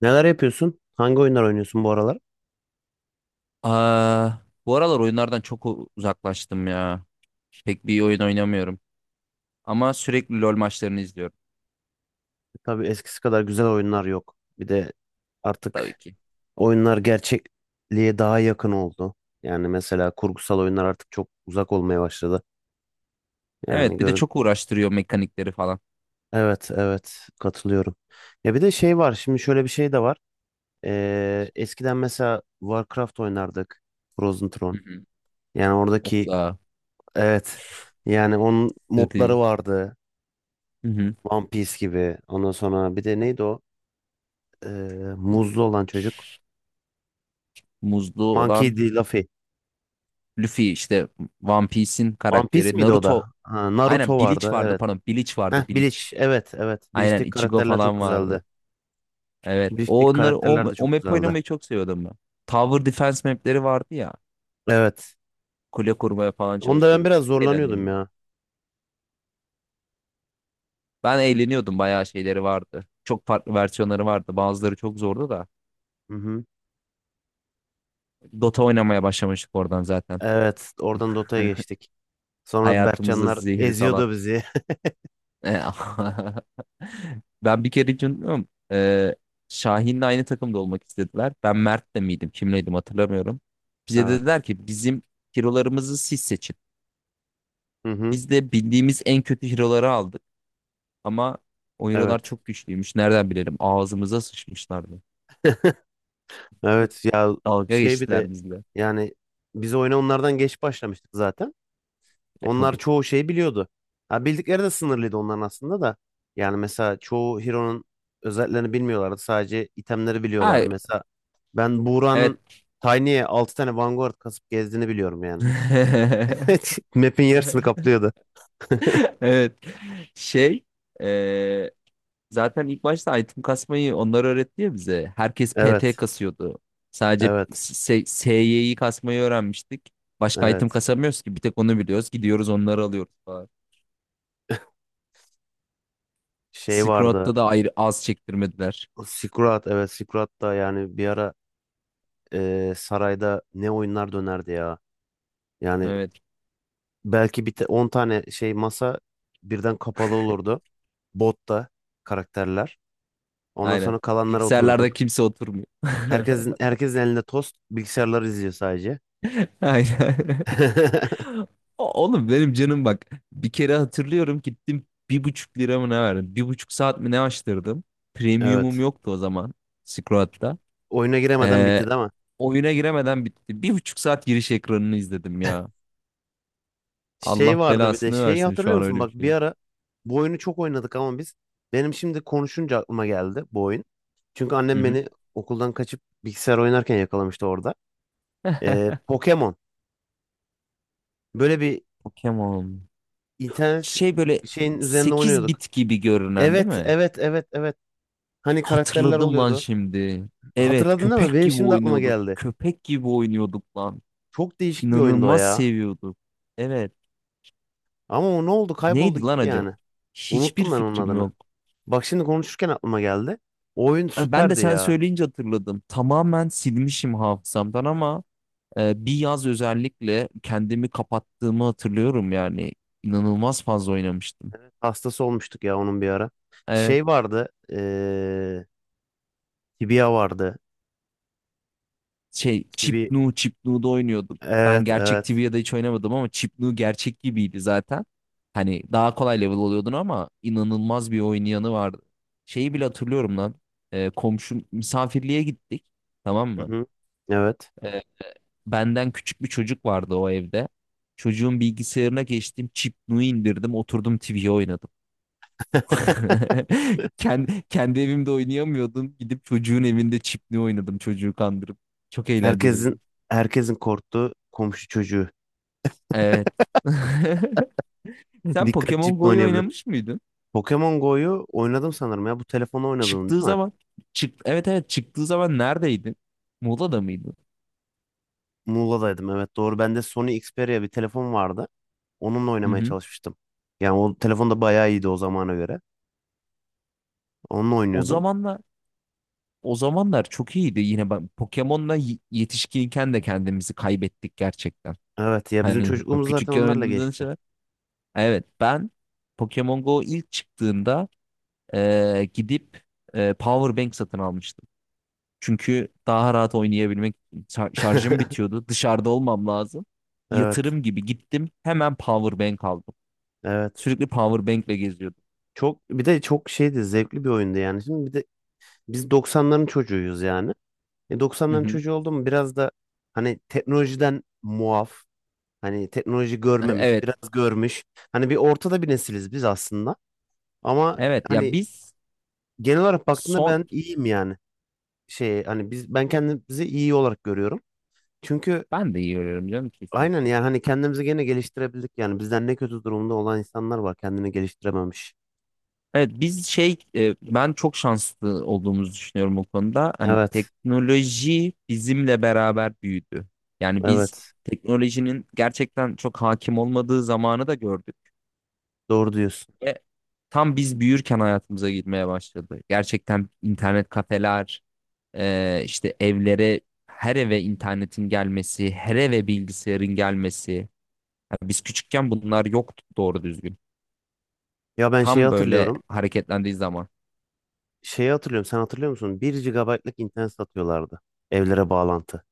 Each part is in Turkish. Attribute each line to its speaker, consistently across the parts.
Speaker 1: Neler yapıyorsun? Hangi oyunlar oynuyorsun bu aralar?
Speaker 2: Aa, bu aralar oyunlardan çok uzaklaştım ya. Pek bir oyun oynamıyorum. Ama sürekli LoL maçlarını izliyorum
Speaker 1: Tabii eskisi kadar güzel oyunlar yok. Bir de
Speaker 2: tabii
Speaker 1: artık
Speaker 2: ki.
Speaker 1: oyunlar gerçekliğe daha yakın oldu. Yani mesela kurgusal oyunlar artık çok uzak olmaya başladı. Yani
Speaker 2: Evet, bir de
Speaker 1: görün.
Speaker 2: çok uğraştırıyor mekanikleri falan.
Speaker 1: Evet, evet katılıyorum. Ya bir de şey var. Şimdi şöyle bir şey de var. Eskiden mesela Warcraft oynardık. Frozen Throne.
Speaker 2: Hı hı.
Speaker 1: Yani
Speaker 2: Of
Speaker 1: oradaki
Speaker 2: ya.
Speaker 1: evet. Yani onun
Speaker 2: Strateji.
Speaker 1: modları vardı.
Speaker 2: Hı hı.
Speaker 1: One Piece gibi. Ondan sonra bir de neydi o? Ee, muzlu olan çocuk.
Speaker 2: Muzlu
Speaker 1: Monkey
Speaker 2: olan
Speaker 1: D. Luffy.
Speaker 2: Luffy işte One Piece'in
Speaker 1: One Piece
Speaker 2: karakteri.
Speaker 1: miydi o
Speaker 2: Naruto.
Speaker 1: da? Ha, Naruto
Speaker 2: Aynen, Bleach
Speaker 1: vardı
Speaker 2: vardı
Speaker 1: evet.
Speaker 2: pardon. Bleach
Speaker 1: Heh,
Speaker 2: vardı, Bleach.
Speaker 1: Bleach evet evet.
Speaker 2: Aynen
Speaker 1: Bleach'teki
Speaker 2: Ichigo
Speaker 1: karakterler çok
Speaker 2: falan
Speaker 1: güzeldi.
Speaker 2: vardı. Evet. O
Speaker 1: Bleach'teki
Speaker 2: onları o,
Speaker 1: karakterler de
Speaker 2: o
Speaker 1: çok
Speaker 2: map
Speaker 1: güzeldi.
Speaker 2: oynamayı çok seviyordum ben. Tower Defense mapleri vardı ya.
Speaker 1: Evet.
Speaker 2: Kule kurmaya falan
Speaker 1: Onda ben
Speaker 2: çalışıyorduk.
Speaker 1: biraz
Speaker 2: Çok
Speaker 1: zorlanıyordum
Speaker 2: eğlenceliydi.
Speaker 1: ya.
Speaker 2: Ben eğleniyordum, bayağı şeyleri vardı. Çok farklı versiyonları vardı. Bazıları çok zordu da.
Speaker 1: Hı hı.
Speaker 2: Dota oynamaya başlamıştık oradan zaten.
Speaker 1: Evet oradan Dota'ya geçtik. Sonra
Speaker 2: Hayatımıza
Speaker 1: Berkcanlar
Speaker 2: zehri salat.
Speaker 1: eziyordu bizi.
Speaker 2: Ben bir kere hiç unutmuyorum. Şahin'le aynı takımda olmak istediler. Ben Mert'le miydim, kimleydim hatırlamıyorum. Bize
Speaker 1: Evet.
Speaker 2: dediler ki bizim hero'larımızı siz seçin.
Speaker 1: Hı hı.
Speaker 2: Biz de bildiğimiz en kötü hero'ları aldık. Ama o hero'lar
Speaker 1: Evet.
Speaker 2: çok güçlüymüş. Nereden bilelim? Ağzımıza sıçmışlardı.
Speaker 1: Evet ya
Speaker 2: Dalga
Speaker 1: şey bir de
Speaker 2: geçtiler bizle.
Speaker 1: yani biz oyuna onlardan geç başlamıştık zaten.
Speaker 2: E,
Speaker 1: Onlar
Speaker 2: tabii.
Speaker 1: çoğu şeyi biliyordu. Ha, bildikleri de sınırlıydı onların aslında da. Yani mesela çoğu Hero'nun özelliklerini bilmiyorlardı. Sadece itemleri
Speaker 2: Ha,
Speaker 1: biliyorlardı. Mesela ben Buğra'nın
Speaker 2: evet.
Speaker 1: Tiny'e 6 tane Vanguard kasıp gezdiğini biliyorum yani. Map'in yarısını kaplıyordu.
Speaker 2: Evet. Şey, e, zaten ilk başta item kasmayı onlar öğretti ya bize. Herkes PT
Speaker 1: Evet.
Speaker 2: kasıyordu. Sadece
Speaker 1: Evet.
Speaker 2: SY'yi kasmayı öğrenmiştik. Başka item
Speaker 1: Evet.
Speaker 2: kasamıyoruz ki. Bir tek onu biliyoruz. Gidiyoruz, onları alıyoruz falan.
Speaker 1: Şey
Speaker 2: Silk
Speaker 1: vardı.
Speaker 2: Road'da da ayrı az çektirmediler.
Speaker 1: Sikurat. Evet. Sikurat da yani bir ara sarayda ne oyunlar dönerdi ya. Yani
Speaker 2: Evet,
Speaker 1: belki 10 tane şey masa birden kapalı olurdu. Botta karakterler. Ondan
Speaker 2: aynen.
Speaker 1: sonra kalanlara
Speaker 2: Bilgisayarlarda
Speaker 1: oturduk.
Speaker 2: kimse oturmuyor.
Speaker 1: Herkesin elinde tost, bilgisayarları izliyor sadece.
Speaker 2: Aynen. Oğlum benim canım bak. Bir kere hatırlıyorum, gittim bir buçuk lira mı ne verdim? Bir buçuk saat mi ne açtırdım? Premiumum
Speaker 1: Evet.
Speaker 2: yoktu o zaman. Squat'ta.
Speaker 1: Oyuna giremeden
Speaker 2: Ee,
Speaker 1: bitti de ama.
Speaker 2: oyuna giremeden bitti. Bir buçuk saat giriş ekranını izledim ya.
Speaker 1: Şey
Speaker 2: Allah
Speaker 1: vardı bir de
Speaker 2: belasını
Speaker 1: şeyi
Speaker 2: versin şu
Speaker 1: hatırlıyor
Speaker 2: an
Speaker 1: musun?
Speaker 2: öyle bir
Speaker 1: Bak bir
Speaker 2: şey.
Speaker 1: ara bu oyunu çok oynadık ama biz benim şimdi konuşunca aklıma geldi bu oyun. Çünkü
Speaker 2: Hı
Speaker 1: annem
Speaker 2: hı.
Speaker 1: beni okuldan kaçıp bilgisayar oynarken yakalamıştı orada. Pokemon. Böyle bir
Speaker 2: Pokemon.
Speaker 1: internet
Speaker 2: Şey, böyle
Speaker 1: şeyin üzerinde
Speaker 2: 8
Speaker 1: oynuyorduk.
Speaker 2: bit gibi görünen değil
Speaker 1: Evet,
Speaker 2: mi?
Speaker 1: evet, evet, evet. Hani karakterler
Speaker 2: Hatırladım lan
Speaker 1: oluyordu.
Speaker 2: şimdi. Evet,
Speaker 1: Hatırladın değil mi?
Speaker 2: köpek
Speaker 1: Benim
Speaker 2: gibi
Speaker 1: şimdi aklıma
Speaker 2: oynuyorduk.
Speaker 1: geldi.
Speaker 2: Köpek gibi oynuyorduk lan.
Speaker 1: Çok değişik bir oyundu o
Speaker 2: İnanılmaz
Speaker 1: ya.
Speaker 2: seviyorduk. Evet.
Speaker 1: Ama o ne oldu? Kayboldu
Speaker 2: Neydi lan
Speaker 1: gitti
Speaker 2: acaba?
Speaker 1: yani.
Speaker 2: Hiçbir
Speaker 1: Unuttum ben onun
Speaker 2: fikrim
Speaker 1: adını.
Speaker 2: yok.
Speaker 1: Bak şimdi konuşurken aklıma geldi. O oyun
Speaker 2: Ben de
Speaker 1: süperdi
Speaker 2: sen
Speaker 1: ya.
Speaker 2: söyleyince hatırladım. Tamamen silmişim hafızamdan ama bir yaz özellikle kendimi kapattığımı hatırlıyorum yani. İnanılmaz fazla oynamıştım.
Speaker 1: Hastası olmuştuk ya onun bir ara.
Speaker 2: Evet,
Speaker 1: Şey vardı. Tibia vardı.
Speaker 2: şey,
Speaker 1: Tibi.
Speaker 2: Chipnu'da oynuyordum. Ben
Speaker 1: Evet,
Speaker 2: gerçek
Speaker 1: evet.
Speaker 2: TV'de hiç oynamadım ama Chipnu gerçek gibiydi zaten. Hani daha kolay level oluyordun ama inanılmaz bir oynayanı vardı. Şeyi bile hatırlıyorum lan. Komşum misafirliğe gittik. Tamam mı?
Speaker 1: Hı-hı. Evet.
Speaker 2: E, Benden küçük bir çocuk vardı o evde. Çocuğun bilgisayarına geçtim. Chip Nui indirdim. Oturdum, TV oynadım. Kendi evimde oynayamıyordum. Gidip çocuğun evinde Chip Nui oynadım, çocuğu kandırıp. Çok
Speaker 1: Herkesin
Speaker 2: eğlenceliydi.
Speaker 1: herkesin korktuğu komşu çocuğu.
Speaker 2: Evet. Sen
Speaker 1: Dikkat
Speaker 2: Pokemon
Speaker 1: ciple
Speaker 2: Go'yu
Speaker 1: oynayabilir.
Speaker 2: oynamış mıydın?
Speaker 1: Pokemon Go'yu oynadım sanırım ya. Bu telefonla oynadın
Speaker 2: Çıktığı
Speaker 1: değil mi?
Speaker 2: zaman. Evet, evet, çıktığı zaman neredeydin? Muğla'da mıydın?
Speaker 1: Muğla'daydım evet doğru. Bende Sony Xperia bir telefon vardı. Onunla
Speaker 2: Hı
Speaker 1: oynamaya
Speaker 2: hı.
Speaker 1: çalışmıştım. Yani o telefon da bayağı iyiydi o zamana göre. Onunla
Speaker 2: O
Speaker 1: oynuyordum.
Speaker 2: zamanlar o zamanlar çok iyiydi. Yine ben Pokemon'la yetişkinken de kendimizi kaybettik gerçekten.
Speaker 1: Evet ya bizim
Speaker 2: Hani
Speaker 1: çocukluğumuz zaten
Speaker 2: küçükken
Speaker 1: onlarla
Speaker 2: oynadığımız
Speaker 1: geçti.
Speaker 2: şeyler. Evet, ben Pokemon Go ilk çıktığında gidip power bank satın almıştım. Çünkü daha rahat oynayabilmek, şarjım bitiyordu, dışarıda olmam lazım.
Speaker 1: Evet.
Speaker 2: Yatırım gibi gittim, hemen power bank aldım.
Speaker 1: Evet.
Speaker 2: Sürekli power bank'le geziyordum.
Speaker 1: Çok bir de çok şeydi zevkli bir oyundu yani. Şimdi bir de biz 90'ların çocuğuyuz yani.
Speaker 2: Hı
Speaker 1: 90'ların
Speaker 2: hı.
Speaker 1: çocuğu oldum biraz da hani teknolojiden muaf. Hani teknoloji görmemiş,
Speaker 2: Evet.
Speaker 1: biraz görmüş. Hani bir ortada bir nesiliz biz aslında. Ama
Speaker 2: Evet ya
Speaker 1: hani
Speaker 2: biz
Speaker 1: genel olarak baktığında
Speaker 2: son
Speaker 1: ben iyiyim yani. Şey hani biz ben kendimizi iyi olarak görüyorum. Çünkü
Speaker 2: ben de iyi oynuyorum canım,
Speaker 1: aynen
Speaker 2: kesinlikle.
Speaker 1: yani hani kendimizi gene geliştirebildik yani bizden ne kötü durumda olan insanlar var kendini geliştirememiş.
Speaker 2: Evet biz şey, ben çok şanslı olduğumuzu düşünüyorum bu konuda. Hani
Speaker 1: Evet.
Speaker 2: teknoloji bizimle beraber büyüdü. Yani biz
Speaker 1: Evet.
Speaker 2: teknolojinin gerçekten çok hakim olmadığı zamanı da gördük.
Speaker 1: Doğru diyorsun.
Speaker 2: Ve tam biz büyürken hayatımıza girmeye başladı. Gerçekten internet kafeler, işte evlere, her eve internetin gelmesi, her eve bilgisayarın gelmesi. Yani biz küçükken bunlar yoktu doğru düzgün.
Speaker 1: Ya ben şeyi
Speaker 2: Tam böyle
Speaker 1: hatırlıyorum.
Speaker 2: hareketlendiği zaman.
Speaker 1: Şeyi hatırlıyorum. Sen hatırlıyor musun? 1 gigabaytlık internet satıyorlardı evlere bağlantı.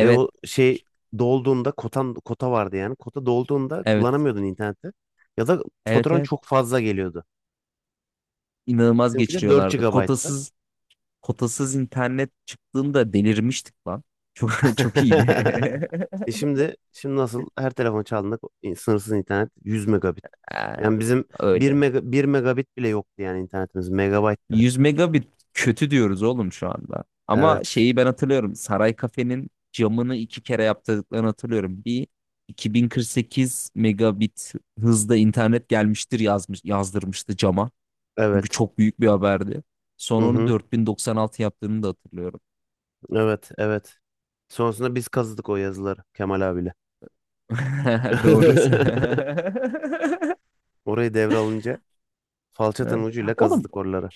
Speaker 1: Ve o şey dolduğunda kota vardı yani. Kota dolduğunda
Speaker 2: evet,
Speaker 1: kullanamıyordun interneti. Ya da
Speaker 2: evet,
Speaker 1: faturan
Speaker 2: evet.
Speaker 1: çok fazla geliyordu.
Speaker 2: inanılmaz
Speaker 1: Bizimki de dört
Speaker 2: geçiriyorlardı.
Speaker 1: GB'tı.
Speaker 2: Kotasız internet çıktığında delirmiştik lan. Çok çok iyiydi.
Speaker 1: E şimdi şimdi nasıl her telefon çaldığında sınırsız internet 100 megabit.
Speaker 2: Ee,
Speaker 1: Yani bizim
Speaker 2: Öyle.
Speaker 1: 1 megabit bile yoktu yani internetimiz. Megabayttı.
Speaker 2: 100 megabit kötü diyoruz oğlum şu anda. Ama
Speaker 1: Evet.
Speaker 2: şeyi ben hatırlıyorum. Saray Kafe'nin camını iki kere yaptırdıklarını hatırlıyorum. Bir 2048 megabit hızda internet gelmiştir yazmış, yazdırmıştı cama. Çünkü
Speaker 1: Evet.
Speaker 2: çok büyük bir haberdi.
Speaker 1: Hı
Speaker 2: Sonra onu
Speaker 1: hı.
Speaker 2: 4096 yaptığını da hatırlıyorum.
Speaker 1: Evet, evet. Sonrasında biz kazıdık o yazıları Kemal abiyle.
Speaker 2: Doğru.
Speaker 1: Orayı devralınca falçatanın
Speaker 2: Evet.
Speaker 1: ucuyla
Speaker 2: Oğlum
Speaker 1: kazıdık oraları.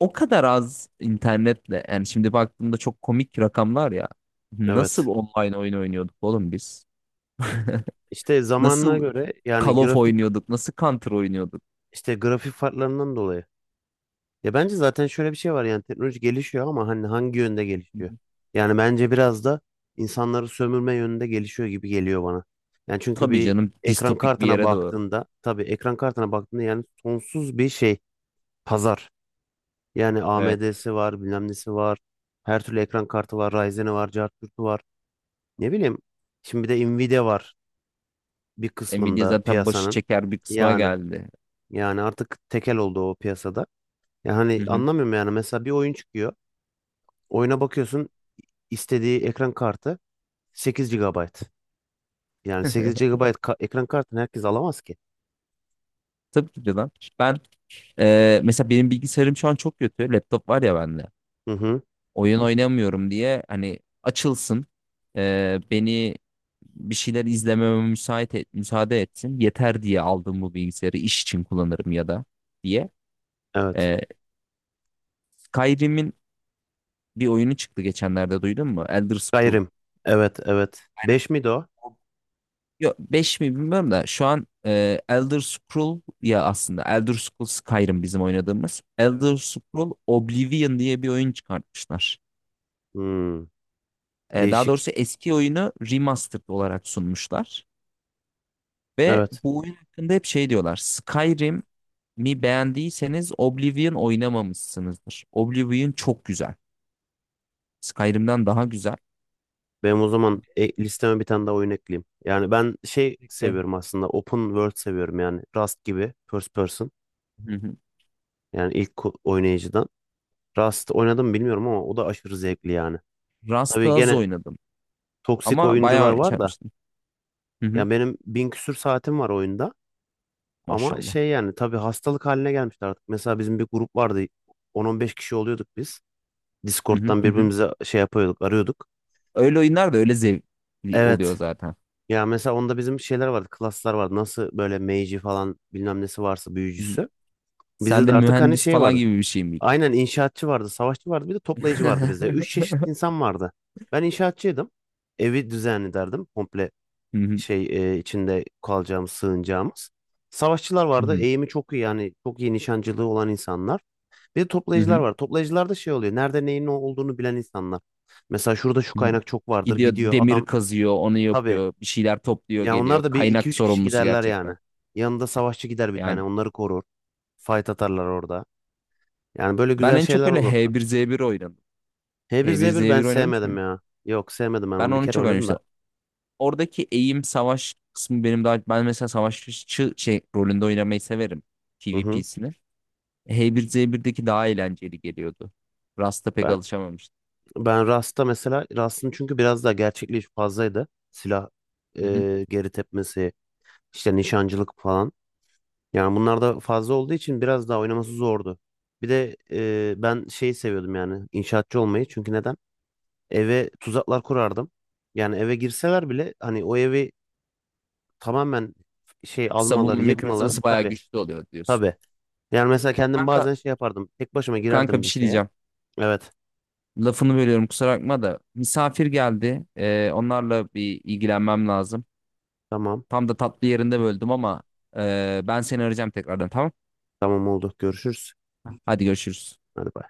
Speaker 2: o kadar az internetle, yani şimdi baktığımda çok komik rakamlar ya. Nasıl
Speaker 1: Evet.
Speaker 2: online oyun oynuyorduk oğlum biz?
Speaker 1: İşte zamanına
Speaker 2: Nasıl
Speaker 1: göre yani
Speaker 2: Call of oynuyorduk? Nasıl Counter oynuyorduk?
Speaker 1: grafik farklarından dolayı ya bence zaten şöyle bir şey var yani teknoloji gelişiyor ama hani hangi yönde gelişiyor? Yani bence biraz da insanları sömürme yönünde gelişiyor gibi geliyor bana. Yani çünkü
Speaker 2: Tabii
Speaker 1: bir
Speaker 2: canım,
Speaker 1: ekran
Speaker 2: distopik bir
Speaker 1: kartına
Speaker 2: yere doğru.
Speaker 1: baktığında tabii ekran kartına baktığında yani sonsuz bir şey pazar. Yani
Speaker 2: Evet.
Speaker 1: AMD'si var, bilmem nesi var. Her türlü ekran kartı var, Ryzen'i var, Cartürk'ü var. Ne bileyim. Şimdi bir de Nvidia var bir
Speaker 2: Nvidia
Speaker 1: kısmında
Speaker 2: zaten başı
Speaker 1: piyasanın.
Speaker 2: çeker bir kısma
Speaker 1: Yani
Speaker 2: geldi.
Speaker 1: yani artık tekel oldu o piyasada. Yani
Speaker 2: Hı
Speaker 1: hani
Speaker 2: hı.
Speaker 1: anlamıyorum yani mesela bir oyun çıkıyor. Oyuna bakıyorsun istediği ekran kartı 8 gigabayt. Yani 8 gigabayt ekran kartını herkes alamaz ki.
Speaker 2: Tabii ki de lan. Ben, mesela benim bilgisayarım şu an çok kötü. Laptop var ya bende.
Speaker 1: Hı hı.
Speaker 2: Oyun oynamıyorum diye hani açılsın, beni bir şeyler izlememe müsaade etsin yeter diye aldım bu bilgisayarı, iş için kullanırım ya da diye.
Speaker 1: Evet.
Speaker 2: E, Skyrim'in bir oyunu çıktı geçenlerde, duydun mu? Elder Scrolls.
Speaker 1: Gayrim. Evet, evet.
Speaker 2: Aynen.
Speaker 1: 5 miydi o?
Speaker 2: O- Yok, 5 mi bilmiyorum da şu an, Elder Scroll ya, aslında Elder Scrolls Skyrim bizim oynadığımız.
Speaker 1: Evet.
Speaker 2: Elder Scroll Oblivion diye bir oyun çıkartmışlar.
Speaker 1: Hmm,
Speaker 2: Daha
Speaker 1: değişik.
Speaker 2: doğrusu eski oyunu remastered olarak sunmuşlar. Ve
Speaker 1: Evet.
Speaker 2: bu oyun hakkında hep şey diyorlar: Skyrim'i beğendiyseniz Oblivion oynamamışsınızdır. Oblivion çok güzel. Skyrim'den daha güzel.
Speaker 1: Benim o zaman listeme bir tane daha oyun ekleyeyim. Yani ben şey
Speaker 2: Ve
Speaker 1: seviyorum aslında. Open World seviyorum yani. Rust gibi. First person.
Speaker 2: Hı hı.
Speaker 1: Yani ilk oynayıcıdan. Rust oynadım bilmiyorum ama o da aşırı zevkli yani.
Speaker 2: Rust'ı
Speaker 1: Tabii
Speaker 2: az
Speaker 1: gene
Speaker 2: oynadım.
Speaker 1: toksik
Speaker 2: Ama
Speaker 1: oyuncular
Speaker 2: bayağı şey
Speaker 1: var da.
Speaker 2: yapmıştım. Hı hı.
Speaker 1: Ya benim 1000 küsür saatim var oyunda. Ama
Speaker 2: Maşallah.
Speaker 1: şey yani tabii hastalık haline gelmişti artık. Mesela bizim bir grup vardı. 10-15 kişi oluyorduk biz.
Speaker 2: Hı hı
Speaker 1: Discord'dan
Speaker 2: hı. Hı.
Speaker 1: birbirimize şey yapıyorduk, arıyorduk.
Speaker 2: Öyle oyunlar da öyle zevkli
Speaker 1: Evet.
Speaker 2: oluyor zaten.
Speaker 1: Ya mesela onda bizim şeyler vardı, klaslar vardı. Nasıl böyle mage'i falan bilmem nesi varsa
Speaker 2: Hı hı.
Speaker 1: büyücüsü.
Speaker 2: Sen
Speaker 1: Bizde
Speaker 2: de
Speaker 1: de artık hani
Speaker 2: mühendis
Speaker 1: şey
Speaker 2: falan
Speaker 1: vardı.
Speaker 2: gibi bir şey miydin?
Speaker 1: Aynen inşaatçı vardı, savaşçı vardı, bir de toplayıcı vardı bizde. Üç çeşit insan vardı. Ben inşaatçıydım. Evi düzenli derdim. Komple
Speaker 2: Hı hı,
Speaker 1: şey içinde kalacağımız, sığınacağımız. Savaşçılar
Speaker 2: hı
Speaker 1: vardı.
Speaker 2: hı,
Speaker 1: Eğimi çok iyi yani çok iyi nişancılığı olan insanlar. Bir de
Speaker 2: hı
Speaker 1: toplayıcılar
Speaker 2: hı,
Speaker 1: var. Toplayıcılarda şey oluyor. Nerede neyin ne olduğunu bilen insanlar. Mesela şurada şu
Speaker 2: hı hı.
Speaker 1: kaynak çok vardır.
Speaker 2: Gidiyor
Speaker 1: Gidiyor
Speaker 2: demir
Speaker 1: adam.
Speaker 2: kazıyor, onu
Speaker 1: Tabii.
Speaker 2: yapıyor, bir şeyler topluyor,
Speaker 1: Ya
Speaker 2: geliyor.
Speaker 1: onlar da bir iki
Speaker 2: Kaynak
Speaker 1: üç kişi
Speaker 2: sorumlusu
Speaker 1: giderler yani.
Speaker 2: gerçekten.
Speaker 1: Yanında savaşçı gider bir tane.
Speaker 2: Yani.
Speaker 1: Onları korur. Fight atarlar orada. Yani böyle
Speaker 2: Ben
Speaker 1: güzel
Speaker 2: en çok
Speaker 1: şeyler
Speaker 2: öyle
Speaker 1: olur.
Speaker 2: H1Z1 oynadım.
Speaker 1: h bir
Speaker 2: H
Speaker 1: z
Speaker 2: bir Z
Speaker 1: 1 ben
Speaker 2: bir oynamış
Speaker 1: sevmedim
Speaker 2: mıyım?
Speaker 1: ya. Yok sevmedim ben
Speaker 2: Ben
Speaker 1: onu. Bir
Speaker 2: onu
Speaker 1: kere
Speaker 2: çok
Speaker 1: oynadım da.
Speaker 2: oynamıştım. Oradaki eğim savaş kısmı benim daha... Ben mesela savaşçı şey, rolünde oynamayı severim.
Speaker 1: Hı hı.
Speaker 2: PvP'sini. H bir Z 1deki daha eğlenceli geliyordu. Rust'a pek
Speaker 1: Ben,
Speaker 2: alışamamıştım.
Speaker 1: ben Rust'ta mesela Rust'ın çünkü biraz daha gerçekliği fazlaydı. Silah
Speaker 2: Hı hı.
Speaker 1: e, geri tepmesi, işte nişancılık falan. Yani bunlar da fazla olduğu için biraz daha oynaması zordu. Bir de ben şeyi seviyordum yani inşaatçı olmayı. Çünkü neden? Eve tuzaklar kurardım. Yani eve girseler bile hani o evi tamamen şey
Speaker 2: Savunma
Speaker 1: almaları, yıkmaları
Speaker 2: Mekanizması bayağı
Speaker 1: tabii
Speaker 2: güçlü oluyor diyorsun.
Speaker 1: tabii. Yani mesela kendim
Speaker 2: Kanka,
Speaker 1: bazen şey yapardım. Tek başıma
Speaker 2: kanka
Speaker 1: girerdim
Speaker 2: bir
Speaker 1: bir
Speaker 2: şey
Speaker 1: şeye.
Speaker 2: diyeceğim.
Speaker 1: Evet.
Speaker 2: Lafını bölüyorum, kusura bakma da misafir geldi. Onlarla bir ilgilenmem lazım.
Speaker 1: Tamam.
Speaker 2: Tam da tatlı yerinde böldüm ama... ben seni arayacağım tekrardan, tamam?
Speaker 1: Tamam oldu. Görüşürüz.
Speaker 2: Hadi görüşürüz.
Speaker 1: Hadi bay.